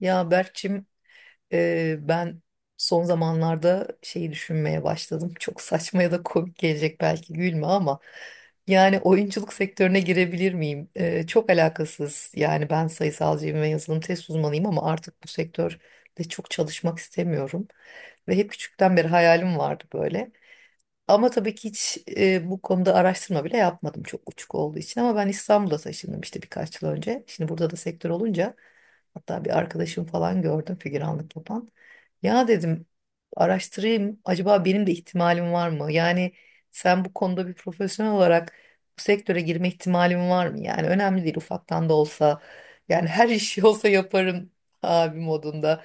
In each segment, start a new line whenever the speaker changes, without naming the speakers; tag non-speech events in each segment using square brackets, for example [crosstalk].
Ya Berkçim, ben son zamanlarda şeyi düşünmeye başladım. [laughs] Çok saçma ya da komik gelecek belki gülme ama yani oyunculuk sektörüne girebilir miyim? Çok alakasız. Yani ben sayısalcıyım ve yazılım test uzmanıyım ama artık bu sektörde çok çalışmak istemiyorum. Ve hep küçükten beri hayalim vardı böyle. Ama tabii ki hiç bu konuda araştırma bile yapmadım çok uçuk olduğu için. Ama ben İstanbul'a taşındım işte birkaç yıl önce. Şimdi burada da sektör olunca hatta bir arkadaşım falan gördüm figüranlık yapan. Ya dedim araştırayım acaba benim de ihtimalim var mı? Yani sen bu konuda bir profesyonel olarak bu sektöre girme ihtimalim var mı? Yani önemli değil ufaktan da olsa, yani her [laughs] işi olsa yaparım abi modunda.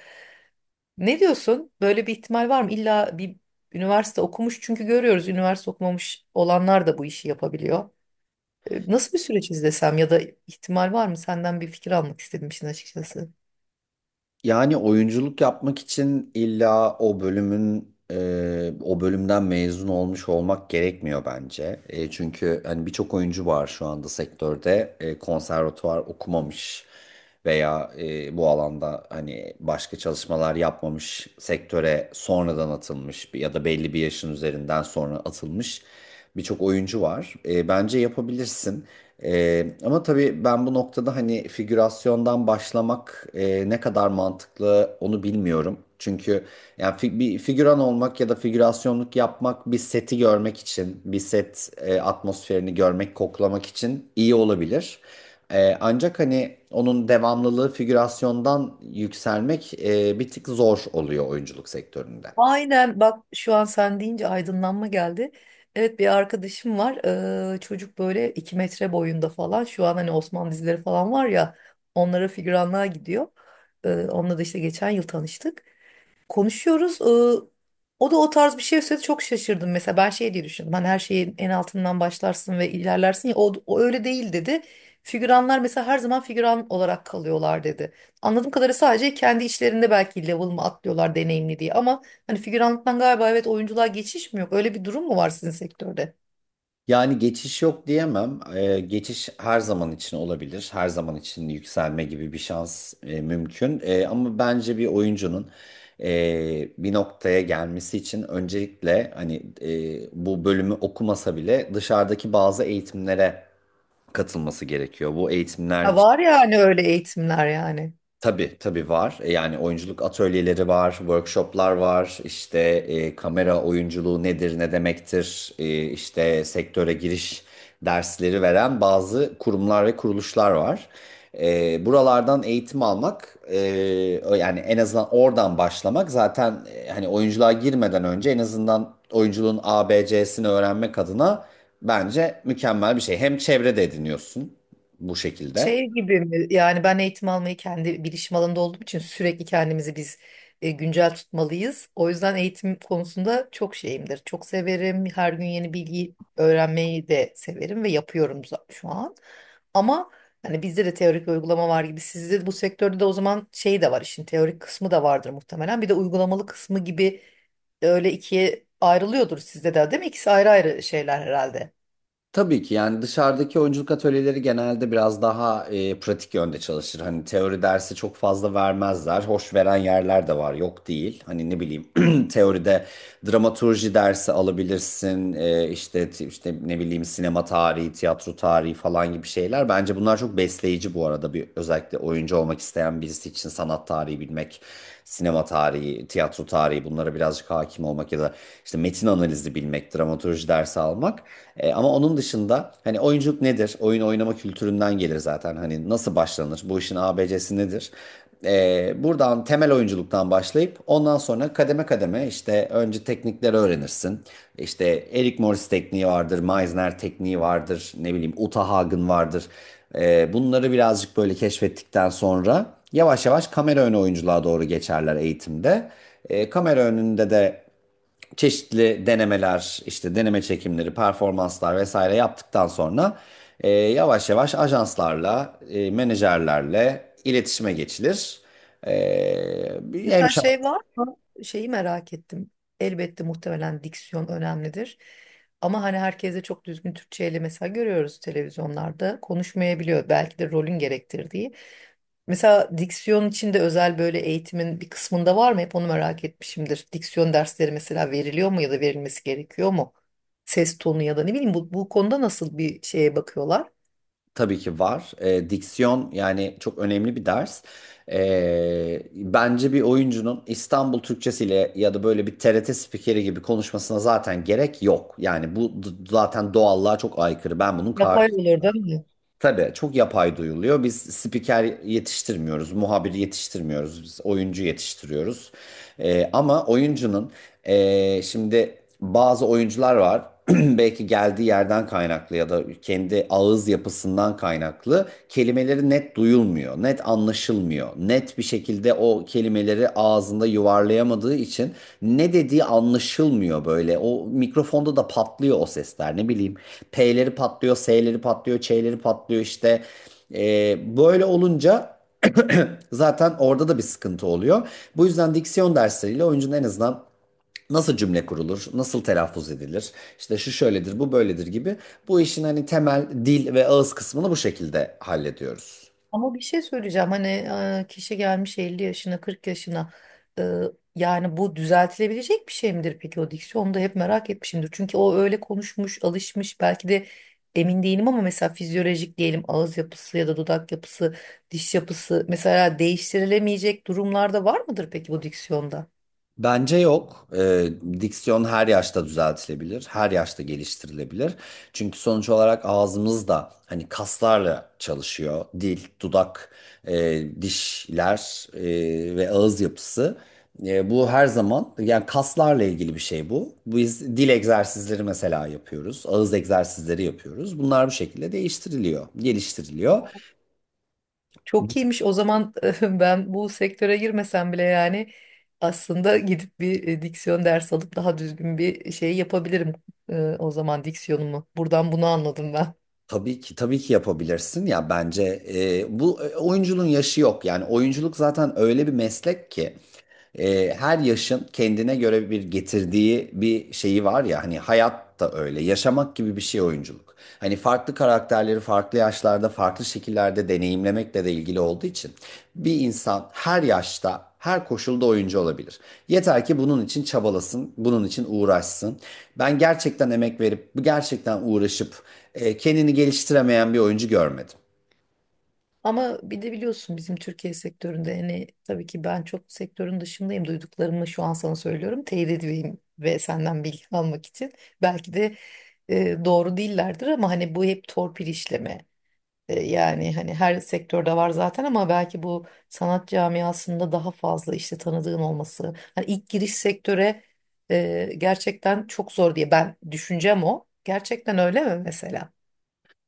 Ne diyorsun? Böyle bir ihtimal var mı? İlla bir üniversite okumuş, çünkü görüyoruz üniversite okumamış olanlar da bu işi yapabiliyor. Nasıl bir süreç izlesem ya da ihtimal var mı? Senden bir fikir almak istedim işin açıkçası.
Yani oyunculuk yapmak için illa o bölümün o bölümden mezun olmuş olmak gerekmiyor bence. Çünkü hani birçok oyuncu var şu anda sektörde konservatuvar okumamış veya bu alanda hani başka çalışmalar yapmamış sektöre sonradan atılmış ya da belli bir yaşın üzerinden sonra atılmış birçok oyuncu var. Bence yapabilirsin. Ama tabii ben bu noktada hani figürasyondan başlamak ne kadar mantıklı onu bilmiyorum. Çünkü yani bir figüran olmak ya da figürasyonluk yapmak bir seti görmek için, bir set atmosferini görmek, koklamak için iyi olabilir. Ancak hani onun devamlılığı figürasyondan yükselmek bir tık zor oluyor oyunculuk sektöründe.
Aynen, bak şu an sen deyince aydınlanma geldi. Evet, bir arkadaşım var. Çocuk böyle 2 metre boyunda falan. Şu an hani Osmanlı dizileri falan var ya, onlara figüranlığa gidiyor. Onunla da işte geçen yıl tanıştık, konuşuyoruz. O da o tarz bir şey söyledi, çok şaşırdım. Mesela ben şey diye düşündüm. Hani her şeyin en altından başlarsın ve ilerlersin ya, o öyle değil dedi. Figüranlar mesela her zaman figüran olarak kalıyorlar dedi. Anladığım kadarıyla sadece kendi içlerinde belki level mı atlıyorlar deneyimli diye. Ama hani figüranlıktan galiba, evet, oyunculuğa geçiş mi yok? Öyle bir durum mu var sizin sektörde?
Yani geçiş yok diyemem. Geçiş her zaman için olabilir. Her zaman için yükselme gibi bir şans mümkün. Ama bence bir oyuncunun bir noktaya gelmesi için öncelikle hani bu bölümü okumasa bile dışarıdaki bazı eğitimlere katılması gerekiyor. Bu eğitimler.
Ha, var yani, öyle eğitimler yani.
Tabii tabii var. Yani oyunculuk atölyeleri var, workshoplar var. İşte kamera oyunculuğu nedir, ne demektir? İşte sektöre giriş dersleri veren bazı kurumlar ve kuruluşlar var. Buralardan eğitim almak, yani en azından oradan başlamak zaten hani oyunculuğa girmeden önce en azından oyunculuğun ABC'sini öğrenmek adına bence mükemmel bir şey. Hem çevrede ediniyorsun bu şekilde.
Şey gibi mi? Yani ben eğitim almayı, kendi bilişim alanında olduğum için sürekli kendimizi biz güncel tutmalıyız. O yüzden eğitim konusunda çok şeyimdir. Çok severim. Her gün yeni bilgi öğrenmeyi de severim ve yapıyorum şu an. Ama hani bizde de teorik ve uygulama var gibi. Sizde de, bu sektörde de o zaman şey de var, işin teorik kısmı da vardır muhtemelen. Bir de uygulamalı kısmı gibi, öyle ikiye ayrılıyordur sizde de değil mi? İkisi ayrı ayrı şeyler herhalde.
Tabii ki yani dışarıdaki oyunculuk atölyeleri genelde biraz daha pratik yönde çalışır. Hani teori dersi çok fazla vermezler. Hoş veren yerler de var, yok değil. Hani ne bileyim [clears throat] teoride dramaturji dersi alabilirsin. E, işte işte ne bileyim sinema tarihi, tiyatro tarihi falan gibi şeyler. Bence bunlar çok besleyici bu arada bir özellikle oyuncu olmak isteyen birisi için sanat tarihi bilmek, sinema tarihi, tiyatro tarihi, bunlara birazcık hakim olmak ya da işte metin analizi bilmek, dramaturji dersi almak. Ama onun dışında hani oyunculuk nedir? Oyun oynama kültüründen gelir zaten. Hani nasıl başlanır? Bu işin ABC'si nedir? Buradan temel oyunculuktan başlayıp ondan sonra kademe kademe işte önce teknikleri öğrenirsin. İşte Eric Morris tekniği vardır, Meisner tekniği vardır. Ne bileyim Uta Hagen vardır. Bunları birazcık böyle keşfettikten sonra yavaş yavaş kamera önü oyunculuğa doğru geçerler eğitimde. Kamera önünde de çeşitli denemeler, işte deneme çekimleri, performanslar vesaire yaptıktan sonra yavaş yavaş ajanslarla, menajerlerle iletişime geçilir. E, bir
Mesela
hemşire
şey var mı? Şeyi merak ettim. Elbette muhtemelen diksiyon önemlidir. Ama hani herkes de çok düzgün Türkçeyle mesela, görüyoruz televizyonlarda. Konuşmayabiliyor belki de rolün gerektirdiği. Mesela diksiyon için de özel böyle eğitimin bir kısmında var mı? Hep onu merak etmişimdir. Diksiyon dersleri mesela veriliyor mu ya da verilmesi gerekiyor mu? Ses tonu ya da ne bileyim, bu konuda nasıl bir şeye bakıyorlar?
Tabii ki var. Diksiyon yani çok önemli bir ders. Bence bir oyuncunun İstanbul Türkçesiyle ya da böyle bir TRT spikeri gibi konuşmasına zaten gerek yok. Yani bu zaten doğallığa çok aykırı. Ben bunun
Yapay
karşı.
olur değil mi?
Tabii çok yapay duyuluyor. Biz spiker yetiştirmiyoruz, muhabir yetiştirmiyoruz, biz oyuncu yetiştiriyoruz. Ama oyuncunun şimdi bazı oyuncular var. [clears throat] Belki geldiği yerden kaynaklı ya da kendi ağız yapısından kaynaklı kelimeleri net duyulmuyor, net anlaşılmıyor. Net bir şekilde o kelimeleri ağzında yuvarlayamadığı için ne dediği anlaşılmıyor böyle. O mikrofonda da patlıyor o sesler, ne bileyim. P'leri patlıyor, S'leri patlıyor, Ç'leri patlıyor işte. Böyle olunca [clears throat] zaten orada da bir sıkıntı oluyor. Bu yüzden diksiyon dersleriyle oyuncunun en azından nasıl cümle kurulur, nasıl telaffuz edilir, işte şu şöyledir, bu böyledir gibi bu işin hani temel dil ve ağız kısmını bu şekilde hallediyoruz.
Ama bir şey söyleyeceğim, hani kişi gelmiş 50 yaşına, 40 yaşına, e, yani bu düzeltilebilecek bir şey midir peki o diksiyon? Onu da hep merak etmişimdir. Çünkü o öyle konuşmuş, alışmış belki de, emin değilim, ama mesela fizyolojik diyelim, ağız yapısı ya da dudak yapısı, diş yapısı mesela değiştirilemeyecek durumlarda var mıdır peki bu diksiyonda?
Bence yok. Diksiyon her yaşta düzeltilebilir, her yaşta geliştirilebilir. Çünkü sonuç olarak ağzımız da hani kaslarla çalışıyor. Dil, dudak, dişler ve ağız yapısı. Bu her zaman yani kaslarla ilgili bir şey bu. Biz dil egzersizleri mesela yapıyoruz, ağız egzersizleri yapıyoruz. Bunlar bu şekilde değiştiriliyor, geliştiriliyor.
Çok iyiymiş. O zaman [laughs] ben bu sektöre girmesem bile yani aslında gidip bir diksiyon dersi alıp daha düzgün bir şey yapabilirim o zaman diksiyonumu. Buradan bunu anladım ben.
Tabii ki tabii ki yapabilirsin ya, bence oyunculuğun yaşı yok, yani oyunculuk zaten öyle bir meslek ki her yaşın kendine göre bir getirdiği bir şeyi var ya, hani hayat da öyle, yaşamak gibi bir şey oyunculuk. Hani farklı karakterleri farklı yaşlarda farklı şekillerde deneyimlemekle de ilgili olduğu için bir insan her yaşta her koşulda oyuncu olabilir. Yeter ki bunun için çabalasın, bunun için uğraşsın. Ben gerçekten emek verip, gerçekten uğraşıp kendini geliştiremeyen bir oyuncu görmedim.
Ama bir de biliyorsun bizim Türkiye sektöründe, hani tabii ki ben çok sektörün dışındayım. Duyduklarımı şu an sana söylüyorum. Teyit edeyim ve senden bilgi almak için. Belki de doğru değillerdir ama hani bu hep torpil işleme. Yani hani her sektörde var zaten ama belki bu sanat camiasında daha fazla, işte tanıdığın olması. Hani ilk giriş sektöre gerçekten çok zor diye, ben düşüncem o. Gerçekten öyle mi mesela?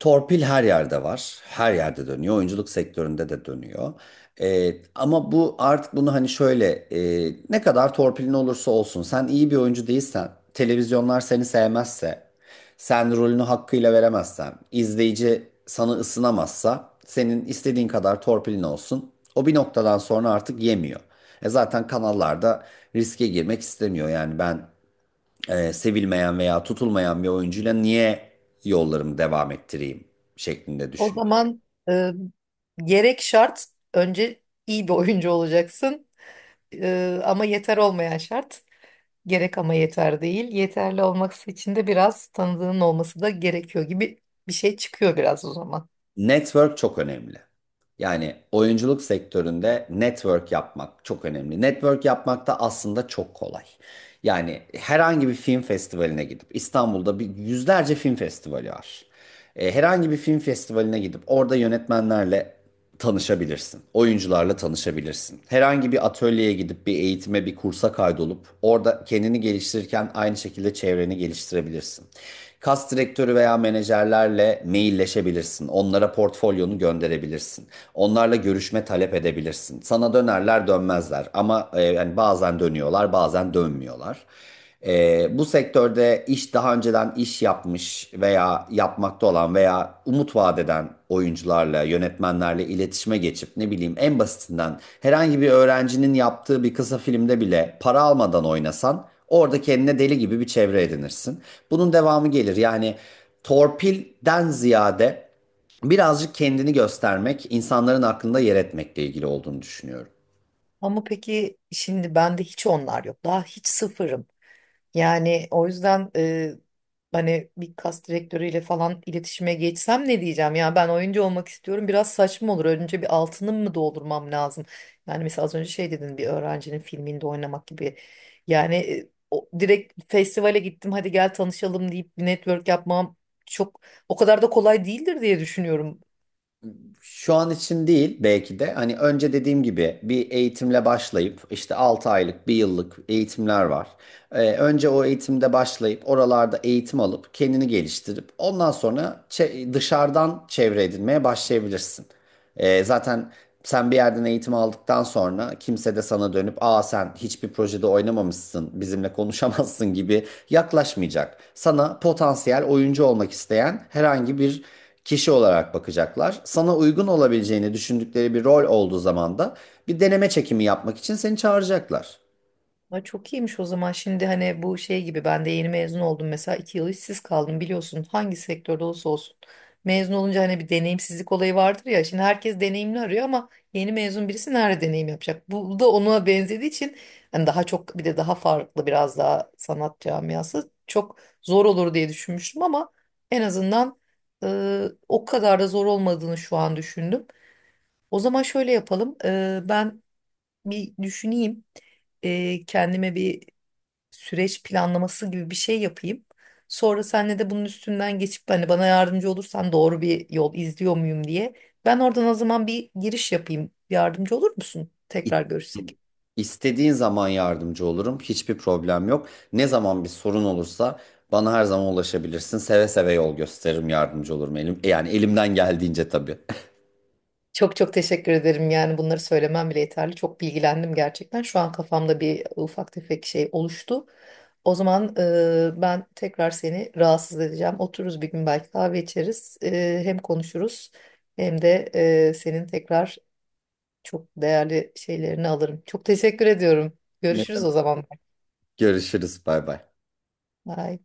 Torpil her yerde var. Her yerde dönüyor. Oyunculuk sektöründe de dönüyor. Ama bu artık bunu hani şöyle, ne kadar torpilin olursa olsun sen iyi bir oyuncu değilsen, televizyonlar seni sevmezse, sen rolünü hakkıyla veremezsen, izleyici sana ısınamazsa senin istediğin kadar torpilin olsun. O bir noktadan sonra artık yemiyor. E zaten kanallarda riske girmek istemiyor. Yani ben sevilmeyen veya tutulmayan bir oyuncuyla niye yollarımı devam ettireyim şeklinde
O
düşün.
zaman e, gerek şart, önce iyi bir oyuncu olacaksın. Ama yeter olmayan şart. Gerek ama yeter değil. Yeterli olması için de biraz tanıdığın olması da gerekiyor gibi bir şey çıkıyor biraz o zaman.
Network çok önemli. Yani oyunculuk sektöründe network yapmak çok önemli. Network yapmak da aslında çok kolay. Yani herhangi bir film festivaline gidip, İstanbul'da bir yüzlerce film festivali var. Herhangi bir film festivaline gidip orada yönetmenlerle tanışabilirsin. Oyuncularla tanışabilirsin. Herhangi bir atölyeye gidip bir eğitime, bir kursa kaydolup orada kendini geliştirirken aynı şekilde çevreni geliştirebilirsin. Kas direktörü veya menajerlerle mailleşebilirsin. Onlara portfolyonu gönderebilirsin. Onlarla görüşme talep edebilirsin. Sana dönerler dönmezler ama yani bazen dönüyorlar bazen dönmüyorlar. Bu sektörde iş daha önceden iş yapmış veya yapmakta olan veya umut vaat eden oyuncularla, yönetmenlerle iletişime geçip, ne bileyim, en basitinden herhangi bir öğrencinin yaptığı bir kısa filmde bile para almadan oynasan, orada kendine deli gibi bir çevre edinirsin. Bunun devamı gelir. Yani torpilden ziyade birazcık kendini göstermek, insanların aklında yer etmekle ilgili olduğunu düşünüyorum.
Ama peki şimdi bende hiç onlar yok. Daha hiç sıfırım. Yani o yüzden hani bir kas direktörüyle falan iletişime geçsem ne diyeceğim? Ya, ben oyuncu olmak istiyorum. Biraz saçma olur. Önce bir altını mı doldurmam lazım? Yani mesela az önce şey dedin, bir öğrencinin filminde oynamak gibi. Yani direkt festivale gittim hadi gel tanışalım deyip bir network yapmam çok, o kadar da kolay değildir diye düşünüyorum.
Şu an için değil belki de, hani önce dediğim gibi bir eğitimle başlayıp işte 6 aylık, 1 yıllık eğitimler var. Önce o eğitimde başlayıp oralarda eğitim alıp kendini geliştirip ondan sonra dışarıdan çevre edinmeye başlayabilirsin. Zaten sen bir yerden eğitim aldıktan sonra kimse de sana dönüp aa sen hiçbir projede oynamamışsın, bizimle konuşamazsın gibi yaklaşmayacak. Sana potansiyel oyuncu olmak isteyen herhangi bir kişi olarak bakacaklar. Sana uygun olabileceğini düşündükleri bir rol olduğu zaman da bir deneme çekimi yapmak için seni çağıracaklar.
Ay, çok iyiymiş o zaman. Şimdi hani bu şey gibi, ben de yeni mezun oldum. Mesela 2 yıl işsiz kaldım biliyorsun. Hangi sektörde olursa olsun. Mezun olunca hani bir deneyimsizlik olayı vardır ya. Şimdi herkes deneyimli arıyor ama yeni mezun birisi nerede deneyim yapacak? Bu da ona benzediği için hani daha çok, bir de daha farklı, biraz daha sanat camiası çok zor olur diye düşünmüştüm ama en azından o kadar da zor olmadığını şu an düşündüm. O zaman şöyle yapalım. Ben bir düşüneyim, kendime bir süreç planlaması gibi bir şey yapayım. Sonra senle de bunun üstünden geçip, hani bana yardımcı olursan doğru bir yol izliyor muyum diye. Ben oradan o zaman bir giriş yapayım. Yardımcı olur musun?
İ-
Tekrar görüşsek.
İstediğin zaman yardımcı olurum. Hiçbir problem yok. Ne zaman bir sorun olursa bana her zaman ulaşabilirsin. Seve seve yol gösteririm, yardımcı olurum elim. Yani elimden geldiğince tabii. [laughs]
Çok çok teşekkür ederim. Yani bunları söylemem bile yeterli. Çok bilgilendim gerçekten. Şu an kafamda bir ufak tefek şey oluştu. O zaman ben tekrar seni rahatsız edeceğim. Otururuz bir gün belki, kahve içeriz. Hem konuşuruz hem de senin tekrar çok değerli şeylerini alırım. Çok teşekkür ediyorum.
Ne
Görüşürüz o
demek?
zaman.
Görüşürüz. Bay bay.
Bye.